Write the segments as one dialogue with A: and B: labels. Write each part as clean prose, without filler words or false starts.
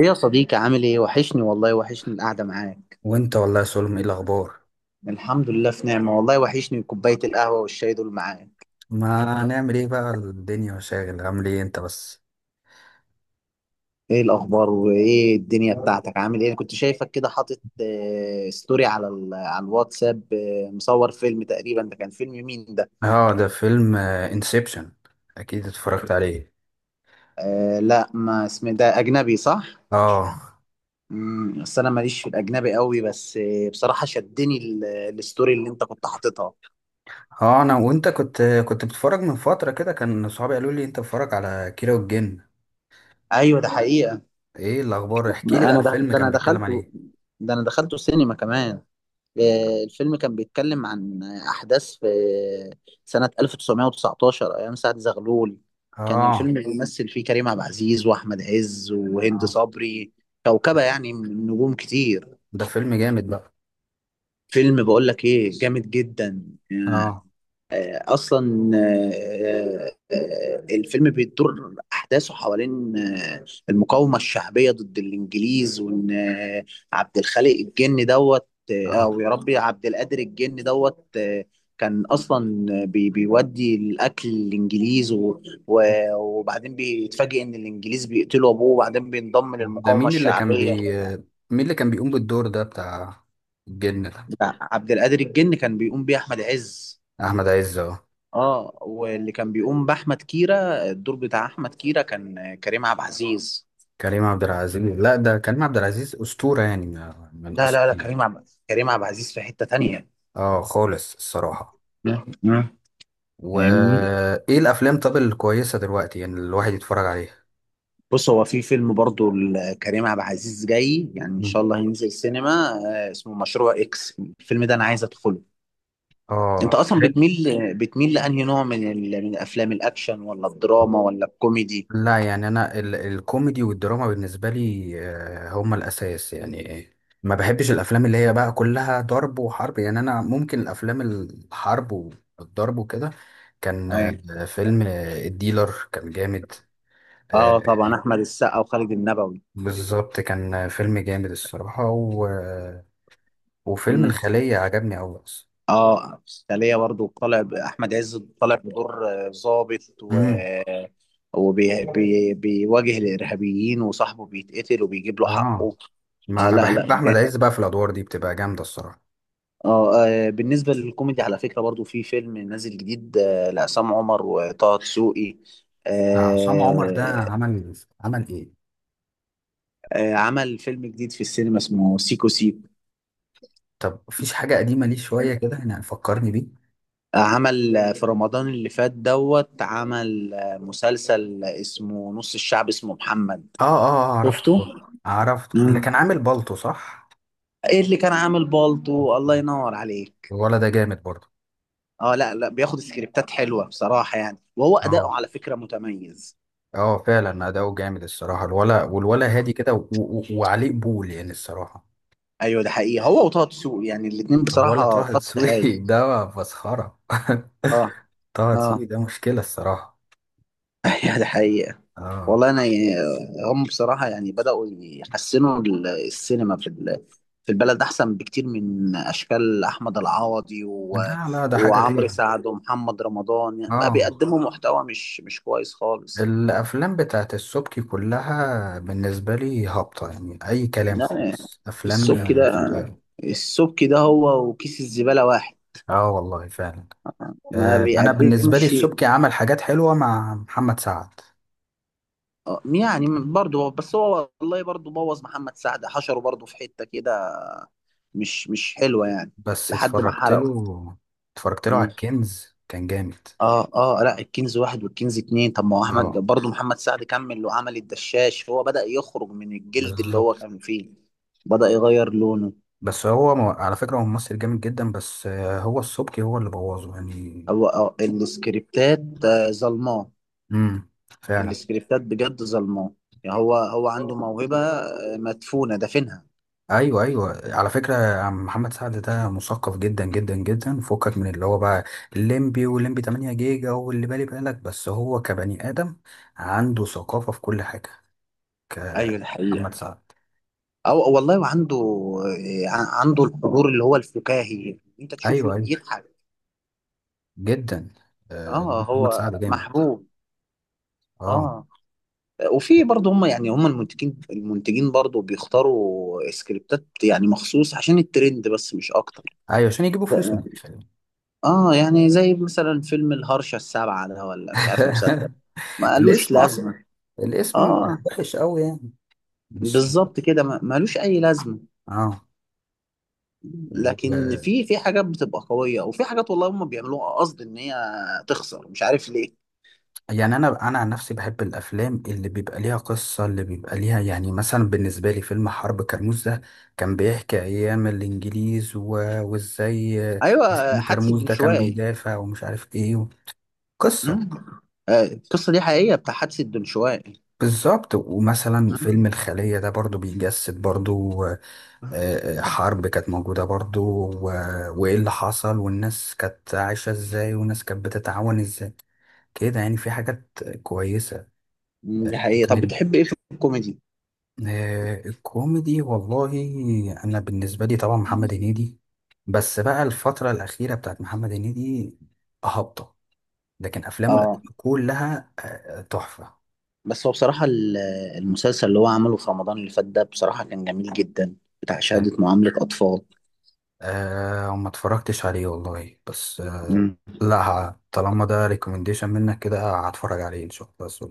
A: ايه يا صديقي، عامل ايه؟ وحشني والله، وحشني القعدة معاك.
B: وانت والله يا سلم، ايه الاخبار؟
A: الحمد لله في نعمة، والله وحشني كوباية القهوة والشاي دول معاك.
B: ما نعمل ايه بقى، الدنيا وشاغل. عامل ايه انت بس؟
A: ايه الاخبار وايه الدنيا بتاعتك؟ عامل ايه؟ أنا كنت شايفك كده حاطط ستوري على على الواتساب، مصور فيلم تقريبا. ده كان فيلم مين ده؟
B: اه ده فيلم انسبشن. اكيد اتفرجت عليه.
A: آه، لا، ما اسمه؟ ده اجنبي، صح؟
B: اه
A: بس انا ماليش في الاجنبي قوي، بس بصراحة شدني الستوري اللي انت كنت حاططها.
B: اه انا وانت كنت بتتفرج من فترة كده. كان صحابي قالوا لي انت بتتفرج على كيرة والجن.
A: ايوه، ده حقيقة.
B: ايه الاخبار؟ احكي لي بقى الفيلم
A: ده
B: كان
A: انا
B: بيتكلم عن
A: دخلته.
B: ايه.
A: ده انا دخلته السينما كمان. الفيلم كان بيتكلم عن أحداث في سنة 1919 أيام سعد زغلول. كان الفيلم
B: اه
A: بيمثل فيه كريم عبد العزيز وأحمد عز وهند
B: اه
A: صبري. كوكبة
B: ده
A: يعني من نجوم كتير.
B: ده فيلم جامد بقى.
A: فيلم، بقول لك إيه؟ جامد جدا.
B: اه
A: اصلا الفيلم بيدور احداثه حوالين المقاومه الشعبيه ضد الانجليز، وان عبد الخالق الجن دوت،
B: اه
A: او يا ربي، عبد القادر الجن دوت كان اصلا بيودي الاكل للانجليز، و- وبعدين بيتفاجئ ان الانجليز بيقتلوا ابوه، وبعدين بينضم
B: ده
A: للمقاومه
B: مين اللي كان
A: الشعبيه.
B: بي مين اللي كان بيقوم بالدور ده بتاع الجن ده؟
A: ده عبد القادر الجن كان بيقوم بيه احمد عز.
B: احمد عز.
A: اه، واللي كان بيقوم باحمد كيرة، الدور بتاع احمد كيرة كان كريم عبد العزيز.
B: كريم عبد العزيز، لا ده كريم عبد العزيز أسطورة يعني، من
A: لا لا لا،
B: أساطير.
A: كريم عبد العزيز في حتة تانية.
B: اه خالص الصراحة.
A: مم. مم. فاهمني؟
B: وإيه الأفلام طب الكويسة دلوقتي يعني الواحد يتفرج عليها؟
A: بص، هو في فيلم برضو لكريم عبد العزيز جاي يعني ان
B: مم.
A: شاء الله هينزل سينما. اسمه مشروع اكس. الفيلم ده انا عايز ادخله. انت
B: اه
A: اصلا
B: حلو.
A: بتميل لانهي نوع من افلام الاكشن ولا الدراما ولا الكوميدي؟
B: لا يعني أنا الكوميدي والدراما بالنسبة لي هما الأساس يعني. ما بحبش الأفلام اللي هي بقى كلها ضرب وحرب، يعني أنا ممكن الأفلام الحرب والضرب وكده. كان
A: اي،
B: فيلم الديلر كان جامد. آه،
A: اه، طبعا احمد السقا وخالد النبوي.
B: بالظبط كان فيلم جامد الصراحة وفيلم
A: مم.
B: الخلية عجبني أوي أصلا.
A: اه، سالية برضو طالع احمد عز طالع بدور ضابط و
B: امم،
A: وبي... بي... بيواجه الارهابيين، وصاحبه بيتقتل، وبيجيب له
B: اه.
A: حقه.
B: ما
A: آه،
B: أنا
A: لا لا،
B: بحب أحمد
A: جامد.
B: عز بقى في الأدوار دي، بتبقى جامدة الصراحة.
A: آه, اه، بالنسبه للكوميدي على فكره برضو في فيلم نازل جديد لعصام عمر وطه دسوقي.
B: ده عصام عمر
A: آه
B: ده عمل عمل إيه؟
A: آه، عمل فيلم جديد في السينما اسمه سيكو سيكو.
B: طب مفيش حاجة قديمة ليه شوية كده يعني فكرني بيه؟
A: عمل في رمضان اللي فات دوت، عمل مسلسل اسمه نص الشعب اسمه محمد.
B: عرفته.
A: شفته؟
B: عرفته اللي كان عامل بالطو صح؟
A: ايه اللي كان عامل بالطو؟ الله ينور عليك.
B: الولا ده جامد برضه.
A: اه، لا لا، بياخد سكريبتات حلوه بصراحه يعني، وهو
B: اه.
A: اداؤه على فكره متميز.
B: اه فعلا أداؤه جامد الصراحة، الولا. والولا هادي كده وعليه قبول يعني الصراحة.
A: ايوه، ده حقيقي. هو وطه دسوقي يعني الاثنين
B: الولا
A: بصراحه
B: طه
A: خط هايل.
B: دسوقي ده مسخرة
A: اه.
B: طه دسوقي
A: اه.
B: ده مشكلة الصراحة.
A: ايوه، ده حقيقه.
B: اه،
A: والله انا يعني، هم بصراحه يعني بداوا يحسنوا السينما في في البلد، احسن بكتير من اشكال احمد العوضي و...
B: لا لا ده حاجة
A: وعمرو
B: تاني.
A: سعد ومحمد رمضان، يعني بقى
B: اه
A: بيقدموا محتوى مش كويس خالص.
B: الأفلام بتاعت السبكي كلها بالنسبة لي هابطة، يعني أي كلام
A: لا،
B: خالص، أفلام
A: السبك ده
B: فاهم في الغالب.
A: السبك ده هو وكيس الزبالة واحد.
B: اه والله فعلا.
A: ما
B: آه أنا بالنسبة لي
A: بيقدمش.
B: السبكي عمل حاجات حلوة مع محمد سعد.
A: يعني برضه بس هو والله برضه بوظ محمد سعد، حشره برضه في حتة كده مش حلوة يعني.
B: بس
A: لحد ما
B: اتفرجت
A: حرقه.
B: له، اتفرجت له على
A: مم.
B: الكنز، كان جامد.
A: اه اه، لا، الكنز واحد والكنز اتنين. طب، ما هو احمد
B: اه
A: برضه محمد سعد كمل وعمل الدشاش. هو بدأ يخرج من الجلد اللي هو
B: بالظبط.
A: كان فيه. بدأ يغير لونه.
B: بس هو على فكرة هو ممثل جامد جدا، بس آه هو السبكي هو اللي بوظه يعني.
A: أو السكريبتات، ظلماء.
B: امم، فعلا.
A: السكريبتات بجد ظلماه. يعني هو عنده موهبة مدفونة دافنها.
B: ايوه ايوه على فكره، يا عم محمد سعد ده مثقف جدا جدا جدا، فكك من اللي هو بقى الليمبي والليمبي 8 جيجا واللي بالي بالك، بس هو كبني ادم عنده ثقافه في كل حاجه،
A: ايوه، ده
B: كمحمد
A: حقيقة.
B: سعد.
A: او والله، وعنده عنده الحضور اللي هو الفكاهي، انت تشوفه
B: ايوه ايوه،
A: يضحك.
B: جدا.
A: اه،
B: محمد
A: هو
B: سعد جامد.
A: محبوب.
B: اه
A: اه. وفي برضه هم يعني هم المنتجين برضه بيختاروا سكريبتات يعني مخصوص عشان الترند، بس مش اكتر.
B: ايوه عشان يجيبوا فلوس من الفيلم.
A: اه، يعني زي مثلا فيلم الهرشة السابعة ده، ولا مش عارف، مسلسل؟ ما قالوش
B: الاسم اصلا،
A: لازمة.
B: الاسم
A: اه،
B: وحش قوي يعني، مش؟
A: بالظبط كده، ملوش اي لازمه.
B: اه.
A: لكن في حاجات بتبقى قويه، وفي حاجات والله هم بيعملوها قصد ان هي تخسر، مش عارف ليه.
B: يعني انا عن نفسي بحب الافلام اللي بيبقى ليها قصه، اللي بيبقى ليها، يعني مثلا بالنسبه لي فيلم حرب كرموز ده كان بيحكي ايام الانجليز وازاي
A: ايوه،
B: مسكين
A: حادثه
B: كرموز ده كان
A: الدنشواقي.
B: بيدافع ومش عارف ايه قصه.
A: مم. القصه دي حقيقيه، بتاع حادثه الدنشواقي.
B: بالظبط. ومثلا فيلم
A: مم.
B: الخليه ده برضو بيجسد برضو، حرب كانت موجوده برضو و... وايه اللي حصل، والناس كانت عايشه ازاي، والناس كانت بتتعاون ازاي كده، يعني في حاجات كويسه.
A: مم. دي حقيقيه. طب، بتحب ايه في الكوميدي؟
B: الكوميدي والله انا بالنسبه لي طبعا محمد هنيدي، بس بقى الفتره الاخيره بتاعت محمد هنيدي هابطه، لكن افلامه
A: اه،
B: القديمه كلها تحفه.
A: بس هو بصراحه المسلسل اللي هو عمله في رمضان اللي فات ده بصراحه كان جميل جدا، بتاع
B: يعني
A: شهاده معامله اطفال.
B: أه ما اتفرجتش عليه والله، بس أه لا طالما ده ريكومنديشن منك كده، هتفرج عليه ان شاء الله بس.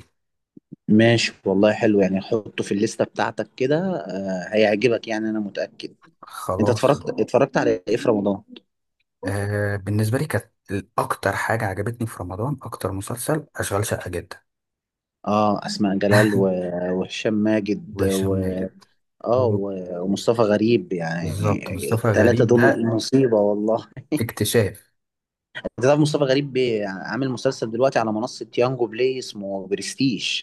A: ماشي والله، حلو يعني. حطه في الليستة بتاعتك كده، هيعجبك يعني، أنا متأكد. أنت
B: خلاص.
A: اتفرجت على إيه في رمضان؟
B: أه بالنسبه لي كانت اكتر حاجه عجبتني في رمضان، اكتر مسلسل اشغال شقه جدا.
A: أسماء جلال و... وهشام ماجد
B: وهشام
A: و...
B: ماجد.
A: آه و... ومصطفى غريب،
B: بالظبط،
A: يعني
B: مصطفى
A: التلاتة
B: غريب
A: دول
B: ده
A: مصيبة والله.
B: اكتشاف.
A: أنت تعرف مصطفى غريب عامل مسلسل دلوقتي على منصة يانجو بلاي اسمه برستيج؟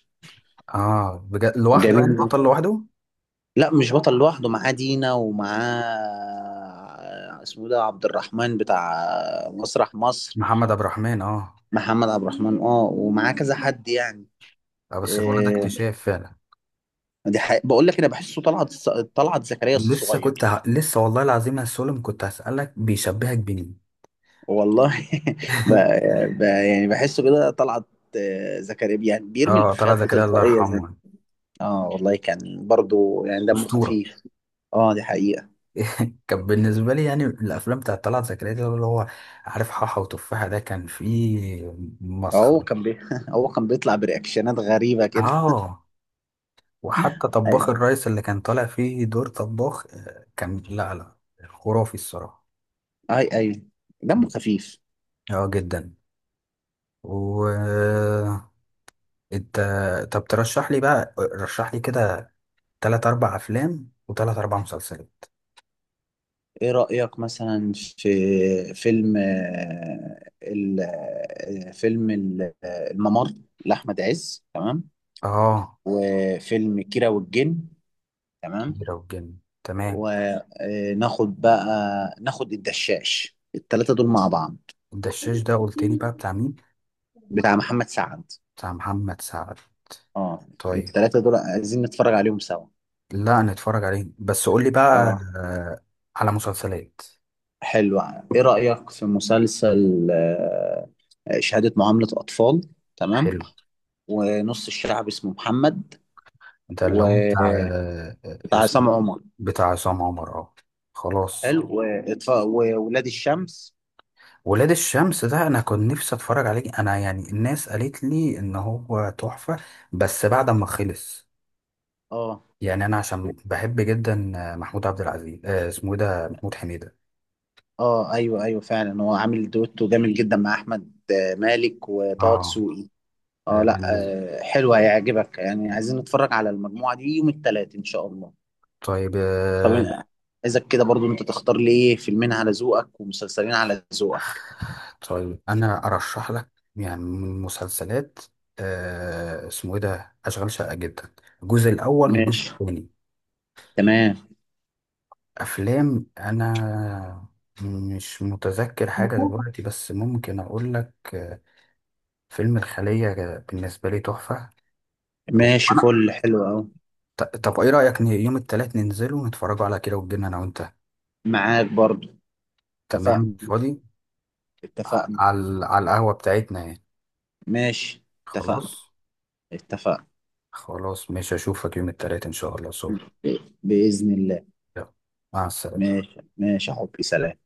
B: اه بجد لوحده يعني،
A: جميل.
B: بطل لوحده.
A: لا، مش بطل لوحده، معاه دينا ومعاه اسمه ده عبد الرحمن بتاع مسرح مصر.
B: محمد عبد الرحمن اه.
A: محمد عبد الرحمن، اه، ومعاه كذا حد يعني.
B: بس الولد ده
A: إيه.
B: اكتشاف فعلا.
A: دي حقيقة. بقول لك انا بحسه طلعت، طلعت زكريا
B: لسه كنت
A: الصغير.
B: لسه والله العظيم يا سولم كنت هسألك بيشبهك بمين.
A: والله ب... يعني بحسه كده طلعت، زكريا، يعني بيرمي
B: اه
A: الافيهات
B: طلعت زكريا الله
A: بتلقائيه زي.
B: يرحمه يعني،
A: اه والله، كان برضو يعني دمه
B: أسطورة.
A: خفيف. اه، دي حقيقه.
B: كان بالنسبة لي يعني الأفلام بتاعت طلعت زكريا دي اللي هو عارف، حاحة وتفاحة ده كان فيه
A: هو
B: مسخرة.
A: كان بي... هو كان بيطلع برياكشنات غريبه كده.
B: اه وحتى طباخ
A: ايوه.
B: الريس اللي كان طالع فيه دور طباخ، كان لا خرافي الصراحة.
A: اي، ايوه، دمه خفيف.
B: اه جدا. و انت طب ترشح لي بقى، رشح لي كده تلات اربع افلام وتلات اربع مسلسلات.
A: ايه رأيك مثلا في فيلم آه، ال- آه، فيلم ال- آه، الممر لأحمد عز؟ تمام.
B: اه
A: وفيلم كيرة والجن. تمام.
B: كبيرة والجن تمام.
A: وناخد بقى ناخد الدشاش التلاتة دول مع بعض،
B: الدشاش ده قلت لي بقى بتاع مين؟
A: بتاع محمد سعد.
B: بتاع محمد سعد.
A: اه،
B: طيب.
A: التلاتة دول عايزين نتفرج عليهم سوا.
B: لا نتفرج عليه بس، قول لي بقى.
A: اه،
B: آه، على مسلسلات.
A: حلو. ايه رأيك في مسلسل شهادة معاملة أطفال؟ تمام.
B: حلو.
A: ونص الشعب اسمه محمد
B: ده اللي
A: و...
B: هو بتاع،
A: بتاع
B: اسمه،
A: عصام عمر.
B: بتاع عصام عمر اه. خلاص.
A: حلو، وإطفاء وولاد الشمس.
B: ولاد الشمس ده انا كنت نفسي اتفرج عليه، انا يعني الناس قالت لي ان هو تحفة، بس بعد ما خلص.
A: اه
B: يعني انا عشان بحب جدا محمود عبد العزيز، آه اسمه ايه ده، محمود حميدة.
A: اه، ايوه ايوه، فعلا هو عامل دويتو جامد جدا مع احمد مالك وطه
B: اه
A: دسوقي. اه، لا.
B: بالنسبة.
A: حلو هيعجبك يعني. عايزين نتفرج على المجموعه دي يوم الثلاث ان شاء الله.
B: طيب
A: طب،
B: آه.
A: أنا عايزك كده برضو انت تختار لي ايه فيلمين على ذوقك ومسلسلين على ذوقك.
B: طيب انا ارشح لك، يعني من مسلسلات، آه اسمه ايه ده، اشغال شقة جدا، الجزء الاول والجزء
A: ماشي.
B: الثاني.
A: تمام.
B: افلام انا مش متذكر حاجة دلوقتي، بس ممكن اقول لك، فيلم الخلية بالنسبة لي تحفة.
A: ماشي،
B: وأنا
A: فل، حلو اهو.
B: طب إيه رأيك يوم التلات ننزل ونتفرجوا على كده وتجينا أنا وأنت؟
A: معاك برضو.
B: تمام
A: اتفقنا.
B: فاضي.
A: اتفقنا.
B: على على القهوة بتاعتنا يعني.
A: ماشي، اتفقنا.
B: خلاص.
A: اتفقنا.
B: خلاص مش هشوفك يوم التلات إن شاء الله، سو
A: بإذن الله.
B: يلا مع السلامة.
A: ماشي ماشي يا حبي، سلام.